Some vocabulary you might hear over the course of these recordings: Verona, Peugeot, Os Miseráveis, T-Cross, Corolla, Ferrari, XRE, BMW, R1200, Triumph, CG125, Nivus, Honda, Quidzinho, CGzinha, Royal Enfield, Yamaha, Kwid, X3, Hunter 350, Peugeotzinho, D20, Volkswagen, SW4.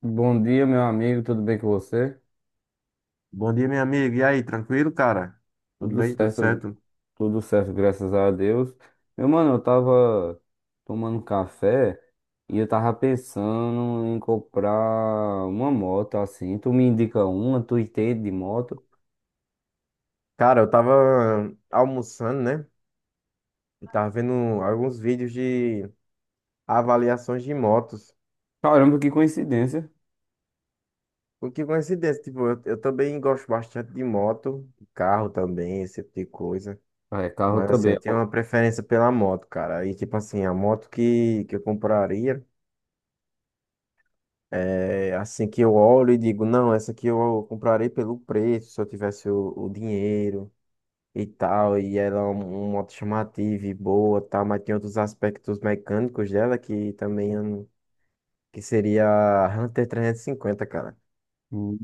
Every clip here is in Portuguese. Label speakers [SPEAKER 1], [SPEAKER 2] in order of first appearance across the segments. [SPEAKER 1] Bom dia, meu amigo, tudo bem com você?
[SPEAKER 2] Bom dia, meu amigo. E aí, tranquilo, cara? Tudo
[SPEAKER 1] Tudo
[SPEAKER 2] bem? Tudo
[SPEAKER 1] certo,
[SPEAKER 2] certo?
[SPEAKER 1] tudo certo, graças a Deus. Meu mano, eu tava tomando café e eu tava pensando em comprar uma moto assim. Tu me indica uma, tu entende de moto?
[SPEAKER 2] Cara, eu tava almoçando, né? Eu tava vendo alguns vídeos de avaliações de motos.
[SPEAKER 1] Caramba, que coincidência.
[SPEAKER 2] O que coincidência, tipo, eu também gosto bastante de moto, de carro também, esse tipo de coisa.
[SPEAKER 1] Ah, é, carro
[SPEAKER 2] Mas assim,
[SPEAKER 1] também.
[SPEAKER 2] eu tenho
[SPEAKER 1] Eu...
[SPEAKER 2] uma preferência pela moto, cara. E tipo assim, a moto que eu compraria, é assim que eu olho e digo, não, essa aqui eu comprarei pelo preço, se eu tivesse o dinheiro. E tal, e ela é uma moto chamativa e boa, tal, mas tem outros aspectos mecânicos dela que também eu não- que seria a Hunter 350, cara,
[SPEAKER 1] Não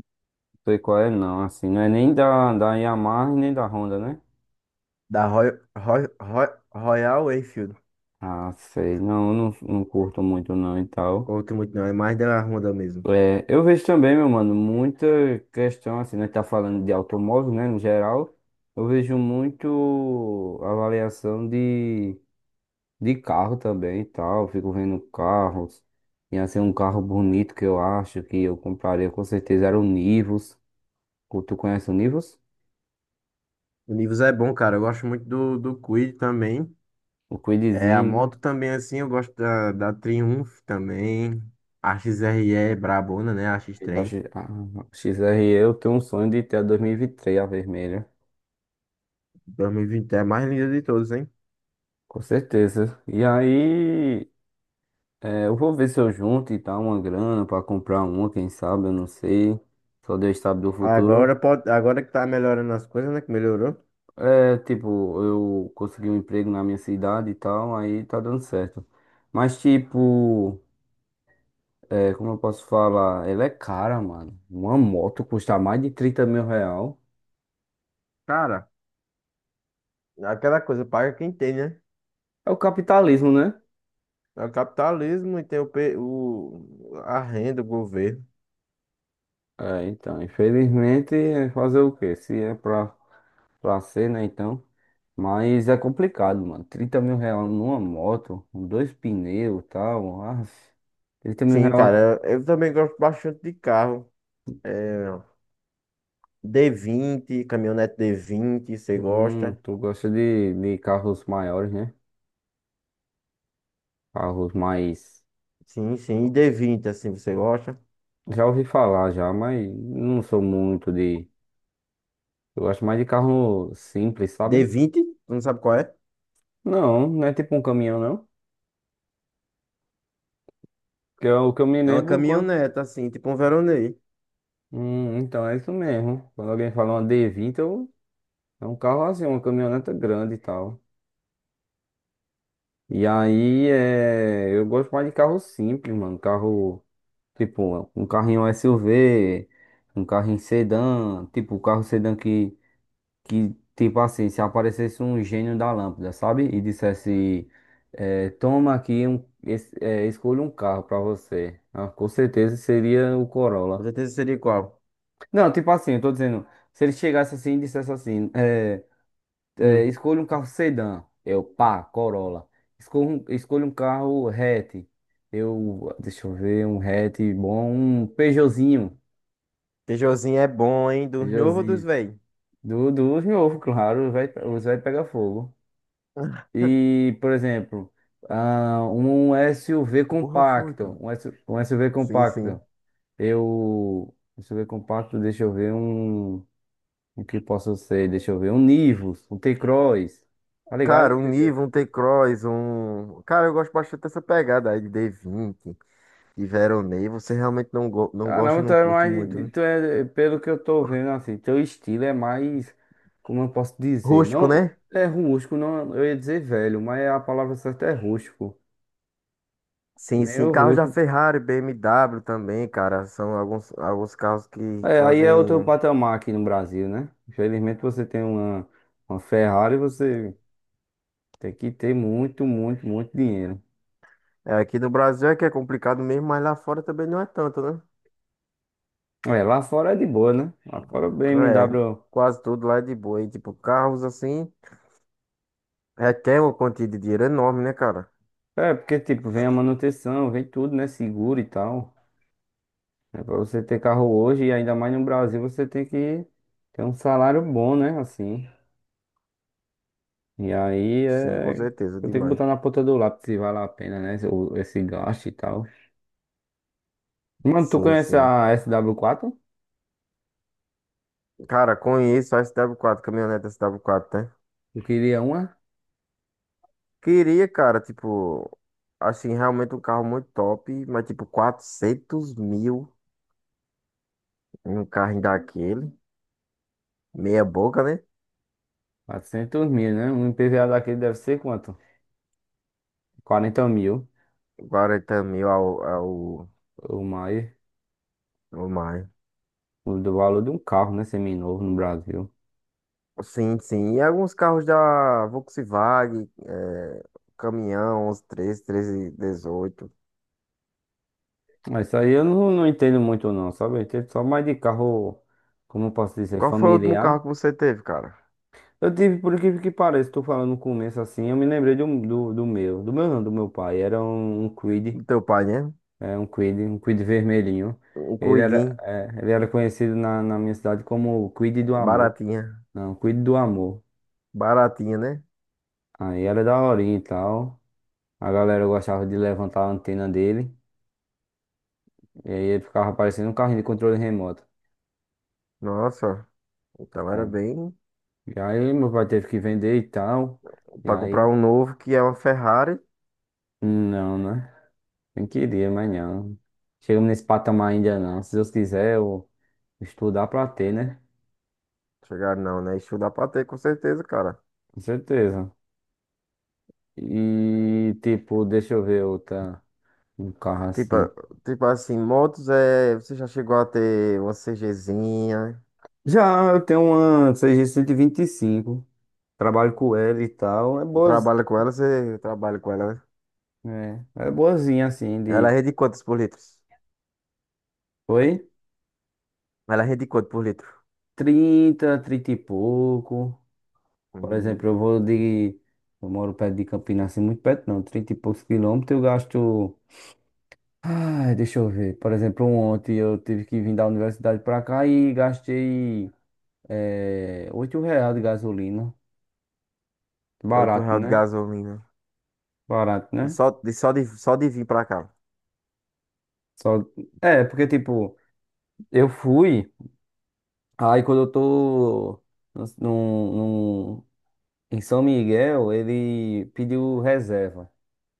[SPEAKER 1] sei qual é, não, assim, não é nem da Yamaha e nem da Honda, né?
[SPEAKER 2] da Roy, Roy, Royal Enfield.
[SPEAKER 1] Ah, sei, não, eu não curto muito não e tal.
[SPEAKER 2] Curto muito não, é mais da Honda mesmo.
[SPEAKER 1] É, eu vejo também, meu mano, muita questão, assim, né? Tá falando de automóvel, né, no geral. Eu vejo muito avaliação de carro também e tal. Eu fico vendo carros. E assim, um carro bonito que eu acho que eu compraria com certeza era o Nivus. Tu conhece o Nivus?
[SPEAKER 2] O Nivus é bom, cara, eu gosto muito do Kwid também.
[SPEAKER 1] O
[SPEAKER 2] É, a
[SPEAKER 1] Quidzinho, né?
[SPEAKER 2] moto também, assim, eu gosto da Triumph também. A XRE é brabona, né? A
[SPEAKER 1] A
[SPEAKER 2] X3.
[SPEAKER 1] X- a XRE, eu tenho um sonho de ter a 2023 a vermelha.
[SPEAKER 2] 2020 é a mais linda de todos, hein?
[SPEAKER 1] Com certeza. E aí. É, eu vou ver se eu junto e tal uma grana pra comprar uma, quem sabe, eu não sei. Só Deus sabe do
[SPEAKER 2] Agora
[SPEAKER 1] futuro.
[SPEAKER 2] pode, agora que tá melhorando as coisas, né? Que melhorou.
[SPEAKER 1] É, tipo, eu consegui um emprego na minha cidade e tal, aí tá dando certo. Mas, tipo, é, como eu posso falar? Ela é cara, mano. Uma moto custa mais de R$ 30 mil.
[SPEAKER 2] Cara, aquela coisa, paga quem tem, né?
[SPEAKER 1] É o capitalismo, né?
[SPEAKER 2] É o capitalismo e tem a renda, o governo.
[SPEAKER 1] É, então, infelizmente, é fazer o quê? Se é pra ser, né, então. Mas é complicado, mano. R$ 30 mil numa moto, com dois pneus e tal. Ah, 30 mil
[SPEAKER 2] Sim,
[SPEAKER 1] reais.
[SPEAKER 2] cara, eu também gosto bastante de carro. É, d vinte caminhonete d vinte você gosta?
[SPEAKER 1] Tu gosta de carros maiores, né? Carros mais...
[SPEAKER 2] Sim, sim, e d vinte assim, você gosta?
[SPEAKER 1] Já ouvi falar já, mas não sou muito de... Eu gosto mais de carro simples,
[SPEAKER 2] D
[SPEAKER 1] sabe?
[SPEAKER 2] vinte, tu não sabe qual é?
[SPEAKER 1] Não, não é tipo um caminhão, não. Que é o que eu me
[SPEAKER 2] É uma
[SPEAKER 1] lembro quando...
[SPEAKER 2] caminhonete, assim, tipo um Veronei.
[SPEAKER 1] Então é isso mesmo. Quando alguém fala uma d vinte eu... É um carro assim, uma caminhoneta grande e tal. E aí, é, eu gosto mais de carro simples, mano. Carro, tipo, um carrinho SUV, um carrinho sedã, tipo, o carro sedã que, tipo assim, se aparecesse um gênio da lâmpada, sabe? E dissesse, é, toma aqui, um, escolha um carro pra você. Ah, com certeza seria o
[SPEAKER 2] Com
[SPEAKER 1] Corolla.
[SPEAKER 2] certeza seria qual?
[SPEAKER 1] Não, tipo assim, eu tô dizendo, se ele chegasse assim e dissesse assim, é,
[SPEAKER 2] Hum.
[SPEAKER 1] escolha um carro sedã. Eu, pá, Corolla. Escolha um carro hatch. Eu, deixa eu ver, um hatch bom, um Peugeotzinho.
[SPEAKER 2] Peugeotzinho é bom, hein? Dos novos ou dos
[SPEAKER 1] Peugeotzinho.
[SPEAKER 2] velhos?
[SPEAKER 1] Dos novos, claro, vai, os vai pegar fogo. E, por exemplo, ah, um SUV
[SPEAKER 2] Porra, foi,
[SPEAKER 1] compacto.
[SPEAKER 2] cara.
[SPEAKER 1] Um SUV
[SPEAKER 2] Sim, sim.
[SPEAKER 1] compacto. Eu, SUV compacto, deixa eu ver um. O que posso ser? Deixa eu ver. Um Nivus, um T-Cross. Tá
[SPEAKER 2] Cara,
[SPEAKER 1] ligado?
[SPEAKER 2] um T-Cross, um. Cara, eu gosto bastante dessa pegada aí de D20, de Veronei. Você realmente não gosta,
[SPEAKER 1] Caramba, tu
[SPEAKER 2] não
[SPEAKER 1] é
[SPEAKER 2] curte muito,
[SPEAKER 1] mais.
[SPEAKER 2] né?
[SPEAKER 1] Tu é, pelo que eu tô vendo, assim, teu estilo é mais... Como eu posso dizer?
[SPEAKER 2] Rústico,
[SPEAKER 1] Não
[SPEAKER 2] né?
[SPEAKER 1] é rústico, não, eu ia dizer velho, mas a palavra certa é rústico.
[SPEAKER 2] Sim, sim.
[SPEAKER 1] Meio
[SPEAKER 2] Carros da
[SPEAKER 1] rústico.
[SPEAKER 2] Ferrari, BMW também, cara. São alguns carros que
[SPEAKER 1] É, aí é outro
[SPEAKER 2] trazem.
[SPEAKER 1] patamar aqui no Brasil, né? Infelizmente você tem uma Ferrari, você tem que ter muito, muito, muito dinheiro.
[SPEAKER 2] É, aqui no Brasil é que é complicado mesmo, mas lá fora também não é tanto, né?
[SPEAKER 1] É, lá fora é de boa, né? Lá fora o
[SPEAKER 2] É,
[SPEAKER 1] BMW.
[SPEAKER 2] quase tudo lá é de boa. E, tipo, carros assim, requer uma quantia de dinheiro enorme, né, cara?
[SPEAKER 1] É, porque tipo, vem a manutenção, vem tudo, né? Seguro e tal. É para você ter carro hoje, e ainda mais no Brasil, você tem que ter um salário bom, né? Assim. E aí
[SPEAKER 2] Sim, com
[SPEAKER 1] é...
[SPEAKER 2] certeza,
[SPEAKER 1] Eu tenho que
[SPEAKER 2] demais.
[SPEAKER 1] botar na ponta do lápis se vale a pena, né? Esse gasto e tal. Mano, tu
[SPEAKER 2] Sim,
[SPEAKER 1] conhece
[SPEAKER 2] sim.
[SPEAKER 1] a SW quatro?
[SPEAKER 2] Cara, conheço a SW4, caminhonete SW4, né?
[SPEAKER 1] Eu queria uma...
[SPEAKER 2] Queria, cara, tipo, assim, realmente um carro muito top, mas tipo, 400 mil em um carro daquele. Meia boca, né?
[SPEAKER 1] 400 mil, né? Um IPVA daquele deve ser quanto? 40 mil
[SPEAKER 2] 40 mil
[SPEAKER 1] ou mais.
[SPEAKER 2] ao mais.
[SPEAKER 1] O do valor de um carro, né? Seminovo no Brasil.
[SPEAKER 2] Sim, sim. E alguns carros da Volkswagen, é, caminhão, 11, 13, 1318.
[SPEAKER 1] Mas isso aí eu não entendo muito, não, sabe? Eu entendo só mais de carro, como eu posso dizer,
[SPEAKER 2] Qual foi o último
[SPEAKER 1] familiar.
[SPEAKER 2] carro que você teve, cara?
[SPEAKER 1] Eu tive, por incrível que pareça, tô falando no começo assim, eu me lembrei de um- do, do meu não, do meu pai, era um Kwid,
[SPEAKER 2] Do teu pai, né?
[SPEAKER 1] é, um Kwid vermelhinho.
[SPEAKER 2] Um
[SPEAKER 1] Ele era,
[SPEAKER 2] cuidinho,
[SPEAKER 1] é, ele era conhecido na minha cidade como o Kwid do Amor,
[SPEAKER 2] baratinha.
[SPEAKER 1] não, Kwid do Amor.
[SPEAKER 2] Baratinha, né?
[SPEAKER 1] Aí era daorinha e tal, a galera gostava de levantar a antena dele, e aí ele ficava parecendo um carrinho de controle remoto.
[SPEAKER 2] Nossa. Então era
[SPEAKER 1] Né?
[SPEAKER 2] bem.
[SPEAKER 1] E aí meu pai teve que vender e tal, e
[SPEAKER 2] Pra comprar
[SPEAKER 1] aí,
[SPEAKER 2] um novo que é uma Ferrari.
[SPEAKER 1] não, né? Nem queria, mas não. Chegamos nesse patamar ainda não. Se Deus quiser, eu estudar pra ter, né?
[SPEAKER 2] Chegar não, né? Isso dá pra ter, com certeza, cara.
[SPEAKER 1] Com certeza. E, tipo, deixa eu ver outra. Um carro
[SPEAKER 2] Tipo,
[SPEAKER 1] assim.
[SPEAKER 2] tipo assim, motos é. Você já chegou a ter uma CGzinha?
[SPEAKER 1] Já eu tenho uma CG125. Trabalho com ela e tal. É boa.
[SPEAKER 2] Trabalha com ela, você trabalha com ela, né?
[SPEAKER 1] É boazinha assim
[SPEAKER 2] Ela
[SPEAKER 1] de...
[SPEAKER 2] rende quantos por litro?
[SPEAKER 1] Oi?
[SPEAKER 2] Ela rende quanto por litro?
[SPEAKER 1] 30, 30 e pouco. Por exemplo, eu
[SPEAKER 2] Hum,
[SPEAKER 1] vou de... Eu moro perto de Campinas, assim, muito perto não. 30 e poucos quilômetros, eu gasto. Ah, deixa eu ver. Por exemplo, ontem eu tive que vir da universidade pra cá e gastei R$ 8 de gasolina.
[SPEAKER 2] 8
[SPEAKER 1] Barato,
[SPEAKER 2] reais de
[SPEAKER 1] né?
[SPEAKER 2] gasolina.
[SPEAKER 1] Barato, né?
[SPEAKER 2] Só de vir pra cá.
[SPEAKER 1] Só... É, porque tipo, eu fui, aí quando eu tô num, num, em São Miguel, ele pediu reserva.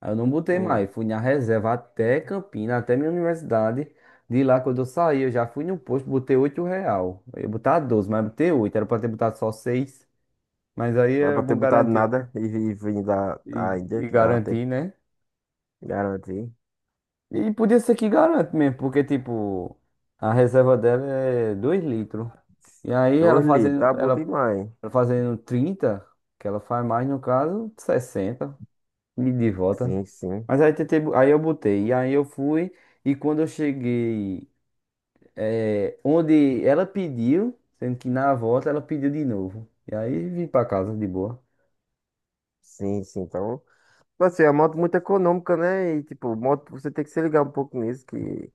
[SPEAKER 1] Aí eu não botei mais,
[SPEAKER 2] Hum,
[SPEAKER 1] fui na reserva até Campinas, até minha universidade. De lá, quando eu saí, eu já fui no posto, botei R$ 8. Eu ia botar 12, mas botei 8. Era pra ter botado só 6. Mas aí
[SPEAKER 2] não é
[SPEAKER 1] era
[SPEAKER 2] pra ter
[SPEAKER 1] bom
[SPEAKER 2] botado
[SPEAKER 1] garantir,
[SPEAKER 2] nada
[SPEAKER 1] né?
[SPEAKER 2] e vir da
[SPEAKER 1] E,
[SPEAKER 2] ainda,
[SPEAKER 1] e
[SPEAKER 2] que dava até
[SPEAKER 1] garantir, né?
[SPEAKER 2] garantir.
[SPEAKER 1] E podia ser que garante mesmo, porque, tipo, a reserva dela é 2 litros. E aí ela
[SPEAKER 2] 2 litros,
[SPEAKER 1] fazendo,
[SPEAKER 2] tá bom demais.
[SPEAKER 1] ela fazendo 30, que ela faz mais, no caso, 60. Me de volta.
[SPEAKER 2] Sim, sim.
[SPEAKER 1] Mas aí tentei, aí eu botei. E aí eu fui. E quando eu cheguei, onde ela pediu, sendo que na volta ela pediu de novo. E aí vim pra casa de boa.
[SPEAKER 2] Sim, sim. Então, tipo assim, é uma moto muito econômica, né? E, tipo, moto, você tem que se ligar um pouco nisso, que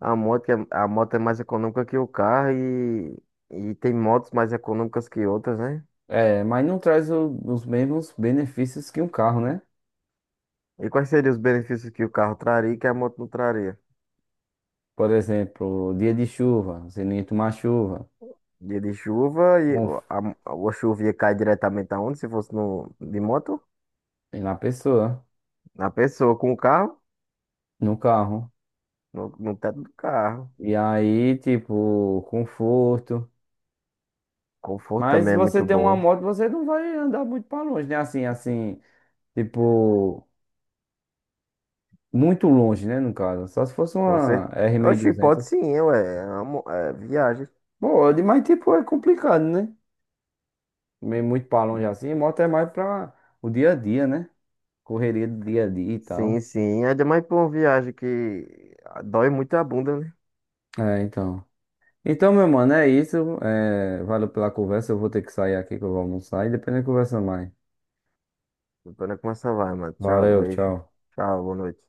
[SPEAKER 2] a moto é mais econômica que o carro e tem motos mais econômicas que outras, né?
[SPEAKER 1] É, mas não traz os mesmos benefícios que um carro, né?
[SPEAKER 2] E quais seriam os benefícios que o carro traria e que a moto não traria?
[SPEAKER 1] Por exemplo, dia de chuva, você nem tomar chuva.
[SPEAKER 2] Dia de chuva e
[SPEAKER 1] Confio
[SPEAKER 2] a chuva ia cair diretamente aonde? Se fosse no, de moto?
[SPEAKER 1] na pessoa,
[SPEAKER 2] Na pessoa, com o carro,
[SPEAKER 1] no carro.
[SPEAKER 2] no teto do carro.
[SPEAKER 1] E aí, tipo, conforto.
[SPEAKER 2] Conforto
[SPEAKER 1] Mas
[SPEAKER 2] também
[SPEAKER 1] se
[SPEAKER 2] é
[SPEAKER 1] você
[SPEAKER 2] muito
[SPEAKER 1] tem uma
[SPEAKER 2] bom.
[SPEAKER 1] moto, você não vai andar muito pra longe, né? Assim, assim. Tipo. Muito longe, né, no caso. Só se fosse
[SPEAKER 2] Com
[SPEAKER 1] uma
[SPEAKER 2] certeza. Oxi,
[SPEAKER 1] R1200. mil e
[SPEAKER 2] pode
[SPEAKER 1] duzentos.
[SPEAKER 2] sim, ué. É, é viagem.
[SPEAKER 1] Pode, mas tipo, é complicado, né? Meio muito pra longe assim. Moto é mais pra o dia a dia, né? Correria do dia a dia e
[SPEAKER 2] Sim,
[SPEAKER 1] tal.
[SPEAKER 2] sim. Ainda mais pra uma viagem que dói muito a bunda, né?
[SPEAKER 1] É, então. Então, meu mano, é isso. É, valeu pela conversa. Eu vou ter que sair aqui que eu vou almoçar e depois a gente conversa mais.
[SPEAKER 2] Então tô como essa vai, mano. Tchau,
[SPEAKER 1] Valeu,
[SPEAKER 2] beijo.
[SPEAKER 1] tchau.
[SPEAKER 2] Tchau, boa noite.